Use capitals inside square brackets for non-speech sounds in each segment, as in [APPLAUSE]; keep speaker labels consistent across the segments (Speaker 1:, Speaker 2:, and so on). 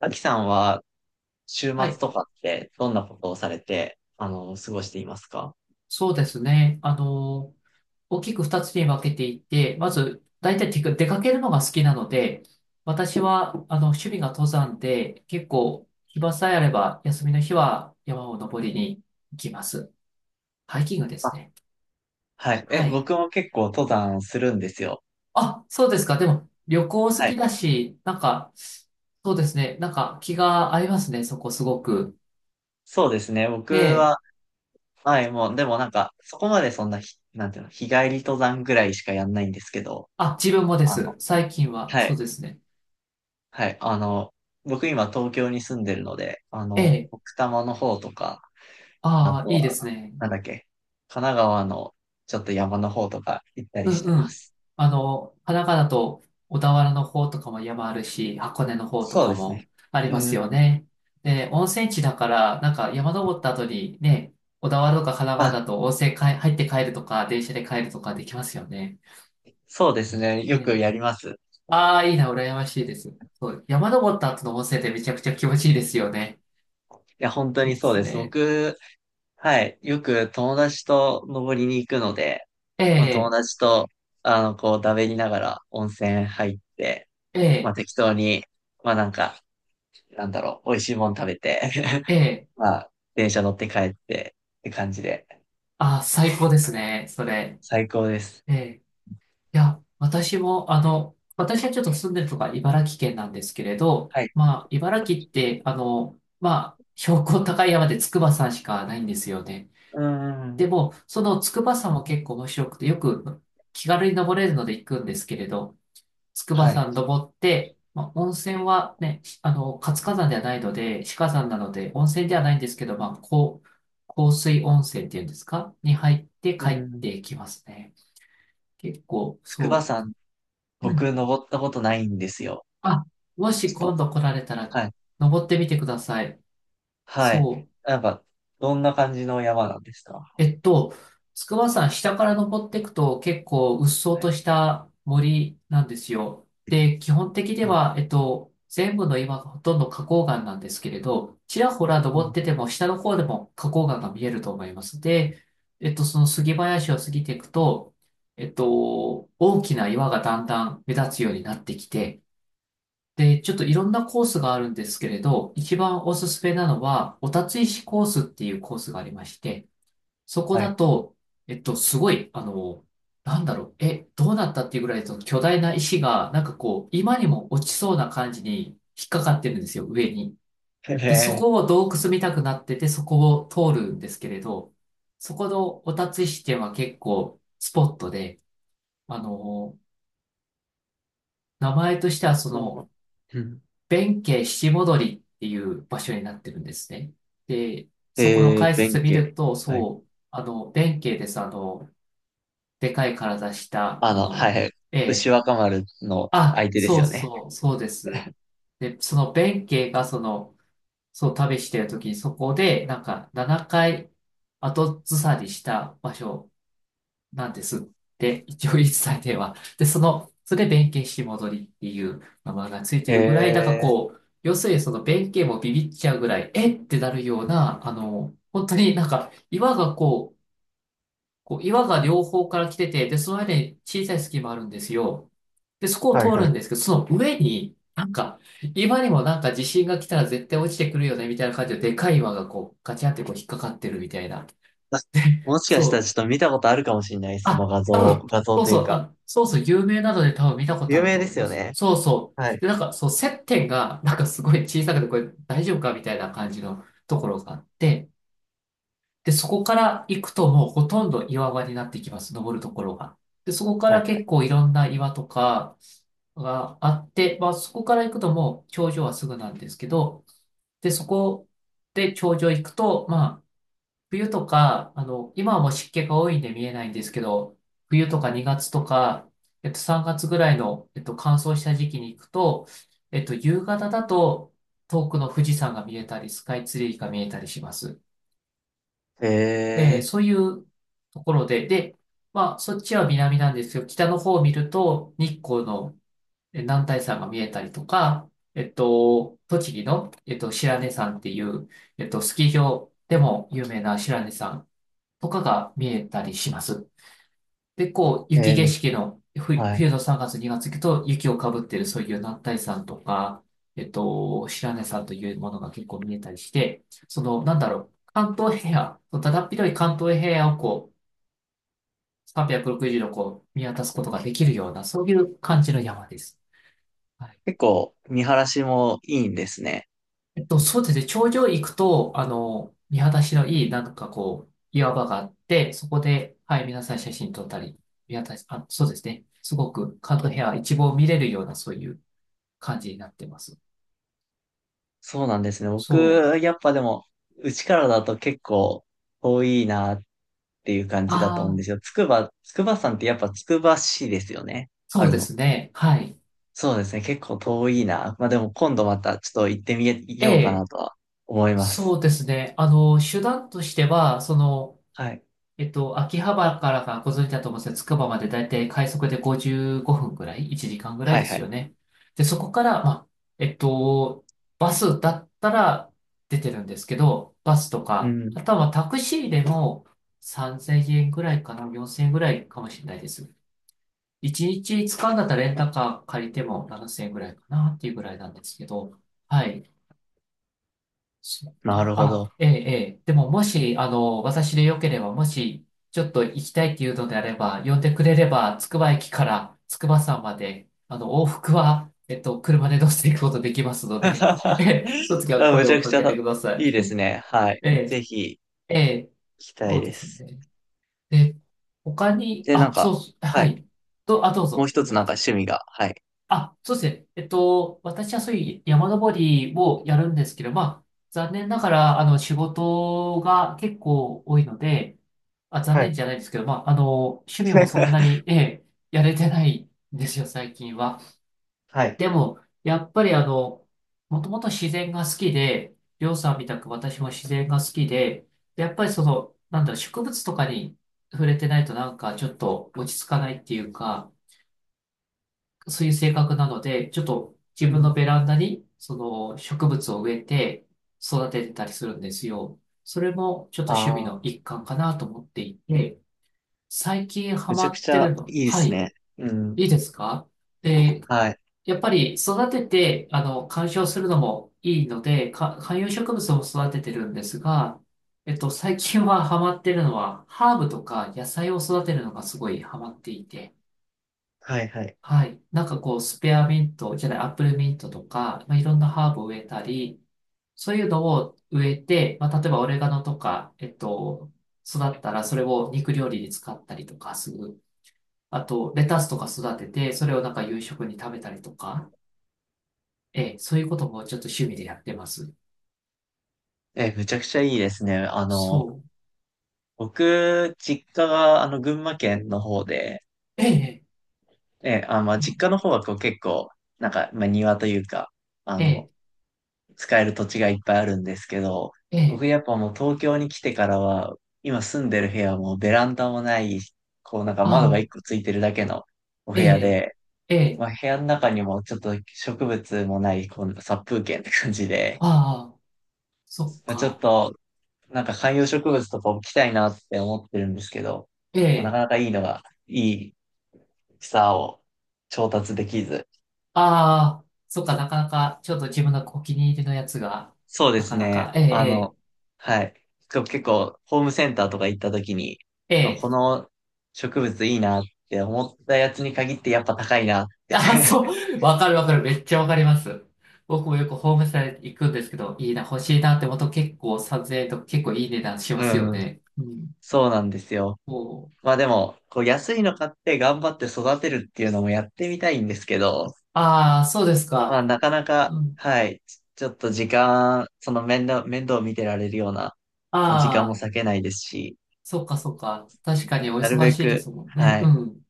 Speaker 1: アキさんは週末
Speaker 2: はい、
Speaker 1: とかってどんなことをされて、過ごしていますか？
Speaker 2: そうですね。大きく二つに分けていて、まず、大体てか出かけるのが好きなので、私は、趣味が登山で、結構、暇さえあれば、休みの日は山を登りに行きます。ハイキングです
Speaker 1: あ、
Speaker 2: ね。
Speaker 1: はい。え、
Speaker 2: はい。
Speaker 1: 僕も結構登山するんですよ。
Speaker 2: あ、そうですか。でも、旅行好
Speaker 1: は
Speaker 2: き
Speaker 1: い。
Speaker 2: だし、なんか、そうですね。なんか、気が合いますね。そこ、すごく。
Speaker 1: そうですね。僕
Speaker 2: ええ。
Speaker 1: は、はい、もう、でもなんか、そこまでそんなひ、なんていうの、日帰り登山ぐらいしかやんないんですけど、
Speaker 2: あ、自分もで
Speaker 1: あ
Speaker 2: す。
Speaker 1: の、
Speaker 2: 最近は、
Speaker 1: は
Speaker 2: そう
Speaker 1: い、
Speaker 2: ですね。
Speaker 1: はい、僕今東京に住んでるので、
Speaker 2: ええ。
Speaker 1: 奥多摩の方とか、あ
Speaker 2: あ
Speaker 1: と
Speaker 2: あ、いいで
Speaker 1: は、
Speaker 2: すね。
Speaker 1: なんだっけ、神奈川のちょっと山の方とか行った
Speaker 2: う
Speaker 1: りして
Speaker 2: んう
Speaker 1: ま
Speaker 2: ん。
Speaker 1: す。
Speaker 2: あの、神奈川だと小田原の方とかも山あるし、箱根の方と
Speaker 1: そう
Speaker 2: か
Speaker 1: ですね。
Speaker 2: もあり
Speaker 1: う
Speaker 2: ますよ
Speaker 1: ん。
Speaker 2: ね。で、温泉地だから、なんか山登った後にね、小田原とか神奈
Speaker 1: あ、
Speaker 2: 川だと温泉かい入って帰るとか、電車で帰るとかできますよね。
Speaker 1: そうですね。よく
Speaker 2: ね。
Speaker 1: やります。い
Speaker 2: ああ、いいな、羨ましいです。そう、山登った後の温泉ってめちゃくちゃ気持ちいいですよね。
Speaker 1: や、本当
Speaker 2: いい
Speaker 1: に
Speaker 2: で
Speaker 1: そう
Speaker 2: す
Speaker 1: です。
Speaker 2: ね。
Speaker 1: 僕、はい、よく友達と登りに行くので、
Speaker 2: え
Speaker 1: まあ、友
Speaker 2: え、
Speaker 1: 達と、こう、だべりながら温泉入って、
Speaker 2: え
Speaker 1: まあ、
Speaker 2: え、
Speaker 1: 適当に、まあ、なんか、なんだろう、美味しいもん食べて、
Speaker 2: ええ、
Speaker 1: [LAUGHS] まあ、電車乗って帰ってって感じで、
Speaker 2: ああ、最高ですね、それ。
Speaker 1: 最高です。
Speaker 2: ええ、いや、私も、私はちょっと住んでるとか茨城県なんですけれど、
Speaker 1: はい。
Speaker 2: まあ、茨城って、まあ、標高高い山で筑波山しかないんですよね。
Speaker 1: うー
Speaker 2: で
Speaker 1: ん。
Speaker 2: も、その筑波山も結構面白くて、よく気軽に登れるので行くんですけれど、筑
Speaker 1: は
Speaker 2: 波
Speaker 1: い。
Speaker 2: 山登って、まあ、温泉はね、活火山ではないので、死火山なので、温泉ではないんですけど、まあ、こう、香水温泉っていうんですかに入って
Speaker 1: う
Speaker 2: 帰っ
Speaker 1: ん。
Speaker 2: てきますね。結構、
Speaker 1: 筑波
Speaker 2: そ
Speaker 1: 山、
Speaker 2: う。う
Speaker 1: 僕、
Speaker 2: ん。
Speaker 1: 登ったことないんですよ。
Speaker 2: あ、もし
Speaker 1: ちょっ
Speaker 2: 今
Speaker 1: と。
Speaker 2: 度来られたら、
Speaker 1: はい。
Speaker 2: 登ってみてください。
Speaker 1: はい。
Speaker 2: そう。
Speaker 1: なんか、どんな感じの山なんですか？
Speaker 2: えっと、筑波山下から登っていくと結構うっそう
Speaker 1: はい。
Speaker 2: とした森なんですよ。で、基本的に
Speaker 1: あ、
Speaker 2: は、全部の岩がほとんど花崗岩なんですけれど、ちらほら
Speaker 1: う
Speaker 2: 登っ
Speaker 1: ん、
Speaker 2: てても下の方でも花崗岩が見えると思います。で、その杉林を過ぎていくと、大きな岩がだんだん目立つようになってきて、で、ちょっといろんなコースがあるんですけれど、一番おすすめなのは、お立ち石コースっていうコースがありまして、そこ
Speaker 1: は
Speaker 2: だ
Speaker 1: い。
Speaker 2: と、すごい、なんだろう、え、どうなったっていうぐらい、その巨大な石が、なんかこう、今にも落ちそうな感じに引っかかってるんですよ、上に。
Speaker 1: [LAUGHS] え
Speaker 2: で、そこを
Speaker 1: え。
Speaker 2: 洞窟見たくなってて、そこを通るんですけれど、そこのお立ち石っていうのは結構スポットで、あの、名前としてはそ
Speaker 1: そ
Speaker 2: の、
Speaker 1: う、うん。
Speaker 2: 弁慶七戻りっていう場所になってるんですね。で、そこの
Speaker 1: えー、
Speaker 2: 解
Speaker 1: 弁
Speaker 2: 説見
Speaker 1: 慶。
Speaker 2: ると、
Speaker 1: はい、
Speaker 2: そう、弁慶です。でかい体した、
Speaker 1: はいはい。
Speaker 2: え
Speaker 1: 牛
Speaker 2: え、
Speaker 1: 若丸の
Speaker 2: あ、
Speaker 1: 相手です
Speaker 2: そ
Speaker 1: よ
Speaker 2: う
Speaker 1: ね。
Speaker 2: そう、そうです。で、その弁慶がその、そう旅してる時にそこで、なんか7回後ずさりした場所なんですって、一応言い伝えては。で、その、それで弁慶し戻りっていう名前がついて
Speaker 1: へ
Speaker 2: るぐらい、だから
Speaker 1: え。
Speaker 2: こう、要するにその弁慶もビビっちゃうぐらい、えってなるような、本当になんか岩がこう、こう岩が両方から来てて、で、その間に小さい隙間あるんですよ。で、そこを
Speaker 1: は
Speaker 2: 通
Speaker 1: いはい。
Speaker 2: るんですけど、その上に、なんか、岩にもなんか地震が来たら絶対落ちてくるよね、みたいな感じで、でかい岩がこう、ガチャってこう引っかかってるみたいな。
Speaker 1: あ、もしか
Speaker 2: そ
Speaker 1: したらちょっ
Speaker 2: う、
Speaker 1: と見たことあるかもしれない。その
Speaker 2: あ、
Speaker 1: 画
Speaker 2: 多
Speaker 1: 像、
Speaker 2: 分、
Speaker 1: 画像
Speaker 2: そう
Speaker 1: とい
Speaker 2: そ
Speaker 1: う
Speaker 2: う、
Speaker 1: か。
Speaker 2: あ、そうそう、有名なので多分見たこと
Speaker 1: 有
Speaker 2: ある
Speaker 1: 名
Speaker 2: と
Speaker 1: で
Speaker 2: 思い
Speaker 1: す
Speaker 2: ま
Speaker 1: よ
Speaker 2: す。
Speaker 1: ね。
Speaker 2: そうそ
Speaker 1: は
Speaker 2: う。
Speaker 1: い。
Speaker 2: で、なんか、そう、接点が、なんかすごい小さくて、これ大丈夫かみたいな感じのところがあって、で、そこから行くともうほとんど岩場になってきます、登るところが。で、そこか
Speaker 1: はい
Speaker 2: ら
Speaker 1: は
Speaker 2: 結構いろんな岩とかがあって、まあ、そこから行くともう頂上はすぐなんですけど、で、そこで頂上行くと、まあ、冬とか、今はもう湿気が多いんで見えないんですけど、冬とか2月とか、3月ぐらいの、乾燥した時期に行くと、夕方だと遠くの富士山が見えたり、スカイツリーが見えたりします。
Speaker 1: い。へ
Speaker 2: で、
Speaker 1: え
Speaker 2: そういうところで、で、まあ、そっちは南なんですよ。北の方を見ると日光のえ男体山が見えたりとか、栃木の、白根山っていう、スキー場でも有名な白根山。とかが見えたりします。で、こう、
Speaker 1: ー。え
Speaker 2: 雪
Speaker 1: ー
Speaker 2: 景
Speaker 1: め
Speaker 2: 色の、ふ
Speaker 1: はい。
Speaker 2: 冬の3月、2月行くと雪をかぶってるそういう男体山とか、白根山というものが結構見えたりして、その、なんだろう、関東平野、だだっ広い関東平野をこう、360度こう、見渡すことができるような、そういう感じの山です。はい。
Speaker 1: 結構、見晴らしもいいんですね。
Speaker 2: そうですね。頂上行くと、見晴らしのいい、なんかこう、岩場があって、そこで、はい、皆さん写真撮ったり、見渡し、あ、そうですね。すごく、カートヘア一望見れるような、そういう感じになってます。
Speaker 1: そうなんですね。僕、
Speaker 2: そう。
Speaker 1: やっぱでも、うちからだと結構遠いなっていう感じだと
Speaker 2: あ
Speaker 1: 思うん
Speaker 2: あ、
Speaker 1: ですよ。筑波山ってやっぱ筑波市ですよね。あ
Speaker 2: そう
Speaker 1: る
Speaker 2: で
Speaker 1: の。
Speaker 2: すね。はい。
Speaker 1: そうですね。結構遠いな。まあでも今度またちょっと行ってみ
Speaker 2: え
Speaker 1: ようかな
Speaker 2: え、
Speaker 1: とは思いま
Speaker 2: そ
Speaker 1: す。
Speaker 2: うですね。手段としては、その、
Speaker 1: はい。
Speaker 2: 秋葉原からがご存知だと思うんですつくばまでだいたい快速で55分ぐらい ?1 時間ぐらい
Speaker 1: はい
Speaker 2: で
Speaker 1: は
Speaker 2: す
Speaker 1: い。
Speaker 2: よね。で、そこから、まあ、えっと、バスだったら出てるんですけど、バスと
Speaker 1: う
Speaker 2: か、
Speaker 1: ん。
Speaker 2: あとはまあタクシーでも3000円ぐらいかな、4000円ぐらいかもしれないです。1日使うんだったらレンタカー借りても7000円ぐらいかなっていうぐらいなんですけど、はい。そっ
Speaker 1: な
Speaker 2: か。
Speaker 1: るほ
Speaker 2: あ、
Speaker 1: ど。
Speaker 2: ええ、ええ。でも、もし、私でよければ、もし、ちょっと行きたいっていうのであれば、呼んでくれれば、つくば駅から筑波山まで、往復は、車で乗せていくことできますので、[LAUGHS] ええ、その
Speaker 1: [LAUGHS]
Speaker 2: 時は
Speaker 1: あ、め
Speaker 2: 声
Speaker 1: ち
Speaker 2: を
Speaker 1: ゃく
Speaker 2: か
Speaker 1: ち
Speaker 2: け
Speaker 1: ゃ
Speaker 2: てくださ
Speaker 1: いい
Speaker 2: い。
Speaker 1: ですね。はい。
Speaker 2: え
Speaker 1: ぜ
Speaker 2: え、
Speaker 1: ひ
Speaker 2: ええ、
Speaker 1: 行きた
Speaker 2: そ
Speaker 1: い
Speaker 2: うで
Speaker 1: で
Speaker 2: す
Speaker 1: す。
Speaker 2: ね。で、他に、
Speaker 1: で、なん
Speaker 2: あ、そ
Speaker 1: か、
Speaker 2: う、
Speaker 1: は
Speaker 2: は
Speaker 1: い。
Speaker 2: い。ど、あ、どう
Speaker 1: もう
Speaker 2: ぞ。
Speaker 1: 一
Speaker 2: ご
Speaker 1: つ
Speaker 2: めん
Speaker 1: な
Speaker 2: な
Speaker 1: んか
Speaker 2: さい。
Speaker 1: 趣味が、はい。
Speaker 2: あ、そうですね。私はそういう山登りをやるんですけど、まあ、残念ながら、仕事が結構多いので、あ、残
Speaker 1: はい。
Speaker 2: 念じゃないですけど、まあ、趣味もそんな
Speaker 1: [LAUGHS]
Speaker 2: に、ええ、やれてないんですよ、最近は。
Speaker 1: はい。
Speaker 2: でも、やっぱりあの、もともと自然が好きで、りょうさんみたく私も自然が好きで、でやっぱりその、なんだろう、植物とかに触れてないとなんかちょっと落ち着かないっていうか、そういう性格なので、ちょっと
Speaker 1: う
Speaker 2: 自分の
Speaker 1: ん。
Speaker 2: ベランダに、その植物を植えて育ててたりするんですよ。それもちょっと趣味
Speaker 1: ああ、
Speaker 2: の一環かなと思っていて、最近ハ
Speaker 1: めち
Speaker 2: マ
Speaker 1: ゃく
Speaker 2: っ
Speaker 1: ち
Speaker 2: て
Speaker 1: ゃ
Speaker 2: るの、
Speaker 1: いいで
Speaker 2: は
Speaker 1: す
Speaker 2: い、
Speaker 1: ね。うん。
Speaker 2: いいですか。で、
Speaker 1: はい。
Speaker 2: やっぱり育てて、観賞するのもいいので、か観葉植物も育ててるんですが、最近はハマってるのは、ハーブとか野菜を育てるのがすごいハマっていて、
Speaker 1: はいはい。
Speaker 2: はい。なんかこう、スペアミントじゃない、アップルミントとか、まあ、いろんなハーブを植えたり、そういうのを植えて、まあ、例えばオレガノとか、育ったらそれを肉料理に使ったりとかする。あと、レタスとか育てて、それをなんか夕食に食べたりとか、ええ、そういうこともちょっと趣味でやってます。
Speaker 1: え、めちゃくちゃいいですね。
Speaker 2: そう。
Speaker 1: 僕、実家が、群馬県の方で、
Speaker 2: ええ、
Speaker 1: ええ、あ、まあ、実家の方はこう結構、なんか、まあ、庭というか、あ
Speaker 2: え
Speaker 1: の、
Speaker 2: え、
Speaker 1: 使える土地がいっぱいあるんですけど、
Speaker 2: ええ、
Speaker 1: 僕やっぱもう東京に来てからは、今住んでる部屋もベランダもない、こうなんか
Speaker 2: あ
Speaker 1: 窓が一
Speaker 2: あ、
Speaker 1: 個ついてるだけのお部
Speaker 2: え
Speaker 1: 屋
Speaker 2: え、
Speaker 1: で、
Speaker 2: ええ、
Speaker 1: まあ、部屋の中にもちょっと植物もない、こう殺風景って感じで、
Speaker 2: ああ、そっ
Speaker 1: まあ、ちょっ
Speaker 2: か。
Speaker 1: と、なんか観葉植物とか置きたいなって思ってるんですけど、まあ、なか
Speaker 2: ええ、
Speaker 1: なかいいのが、いい草を調達できず、
Speaker 2: ああ、そっか、なかなか、ちょっと自分のお気に入りのやつが、
Speaker 1: そうで
Speaker 2: な
Speaker 1: す
Speaker 2: かな
Speaker 1: ね。
Speaker 2: か、ええ、
Speaker 1: はい。こう結構、ホームセンターとか行った時に、
Speaker 2: ええ、
Speaker 1: あ、
Speaker 2: え
Speaker 1: こ
Speaker 2: え。
Speaker 1: の植物いいなって思ったやつに限ってやっぱ高いなっ
Speaker 2: [LAUGHS]
Speaker 1: て。
Speaker 2: あ、そ
Speaker 1: [LAUGHS]
Speaker 2: う、わかるわかる、めっちゃわかります。僕もよくホームセター行くんですけど、いいな、欲しいなって思うと結構撮影と結構いい値段しますよ
Speaker 1: うん。
Speaker 2: ね。うん。
Speaker 1: そうなんですよ。
Speaker 2: こう。
Speaker 1: まあでも、こう安いの買って頑張って育てるっていうのもやってみたいんですけど、
Speaker 2: ああ、そうです
Speaker 1: まあ
Speaker 2: か。
Speaker 1: なかなか、
Speaker 2: うん。
Speaker 1: はい。ちょっと時間、その面倒を見てられるようなまあ時間も
Speaker 2: ああ、
Speaker 1: 割けないですし、
Speaker 2: そっかそっか。確かにお
Speaker 1: なる
Speaker 2: 忙
Speaker 1: べ
Speaker 2: しいで
Speaker 1: く、
Speaker 2: すもんね。
Speaker 1: は
Speaker 2: う
Speaker 1: い。
Speaker 2: ん。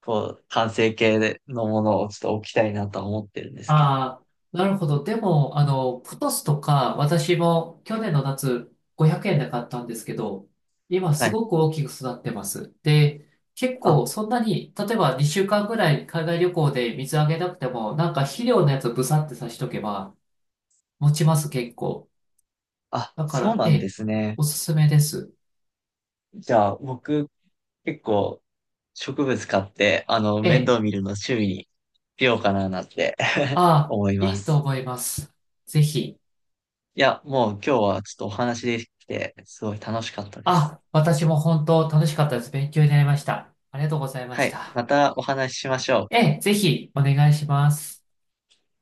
Speaker 1: こう、完成形のものをちょっと置きたいなとは思ってるんですけど。
Speaker 2: ああ、なるほど。でも、プトスとか、私も去年の夏500円で買ったんですけど、今
Speaker 1: は
Speaker 2: す
Speaker 1: い。
Speaker 2: ごく大きく育ってます。で、結
Speaker 1: あ、
Speaker 2: 構そんなに、例えば2週間ぐらい海外旅行で水あげなくても、なんか肥料のやつブサってさしとけば持ちます結構。
Speaker 1: あ、
Speaker 2: だか
Speaker 1: そう
Speaker 2: ら、
Speaker 1: な
Speaker 2: え
Speaker 1: んで
Speaker 2: え、
Speaker 1: すね。
Speaker 2: おすすめです。
Speaker 1: じゃあ、僕、結構、植物買って、
Speaker 2: え
Speaker 1: 面
Speaker 2: え、
Speaker 1: 倒見るの趣味にしようかななんて [LAUGHS]
Speaker 2: ああ、
Speaker 1: 思いま
Speaker 2: いいと
Speaker 1: す。
Speaker 2: 思います。ぜひ。
Speaker 1: いや、もう今日はちょっとお話できて、すごい楽しかったです。
Speaker 2: あ、私も本当楽しかったです。勉強になりました。ありがとうございま
Speaker 1: は
Speaker 2: し
Speaker 1: い。
Speaker 2: た。
Speaker 1: またお話ししましょう。
Speaker 2: ええ、ぜひお願いします。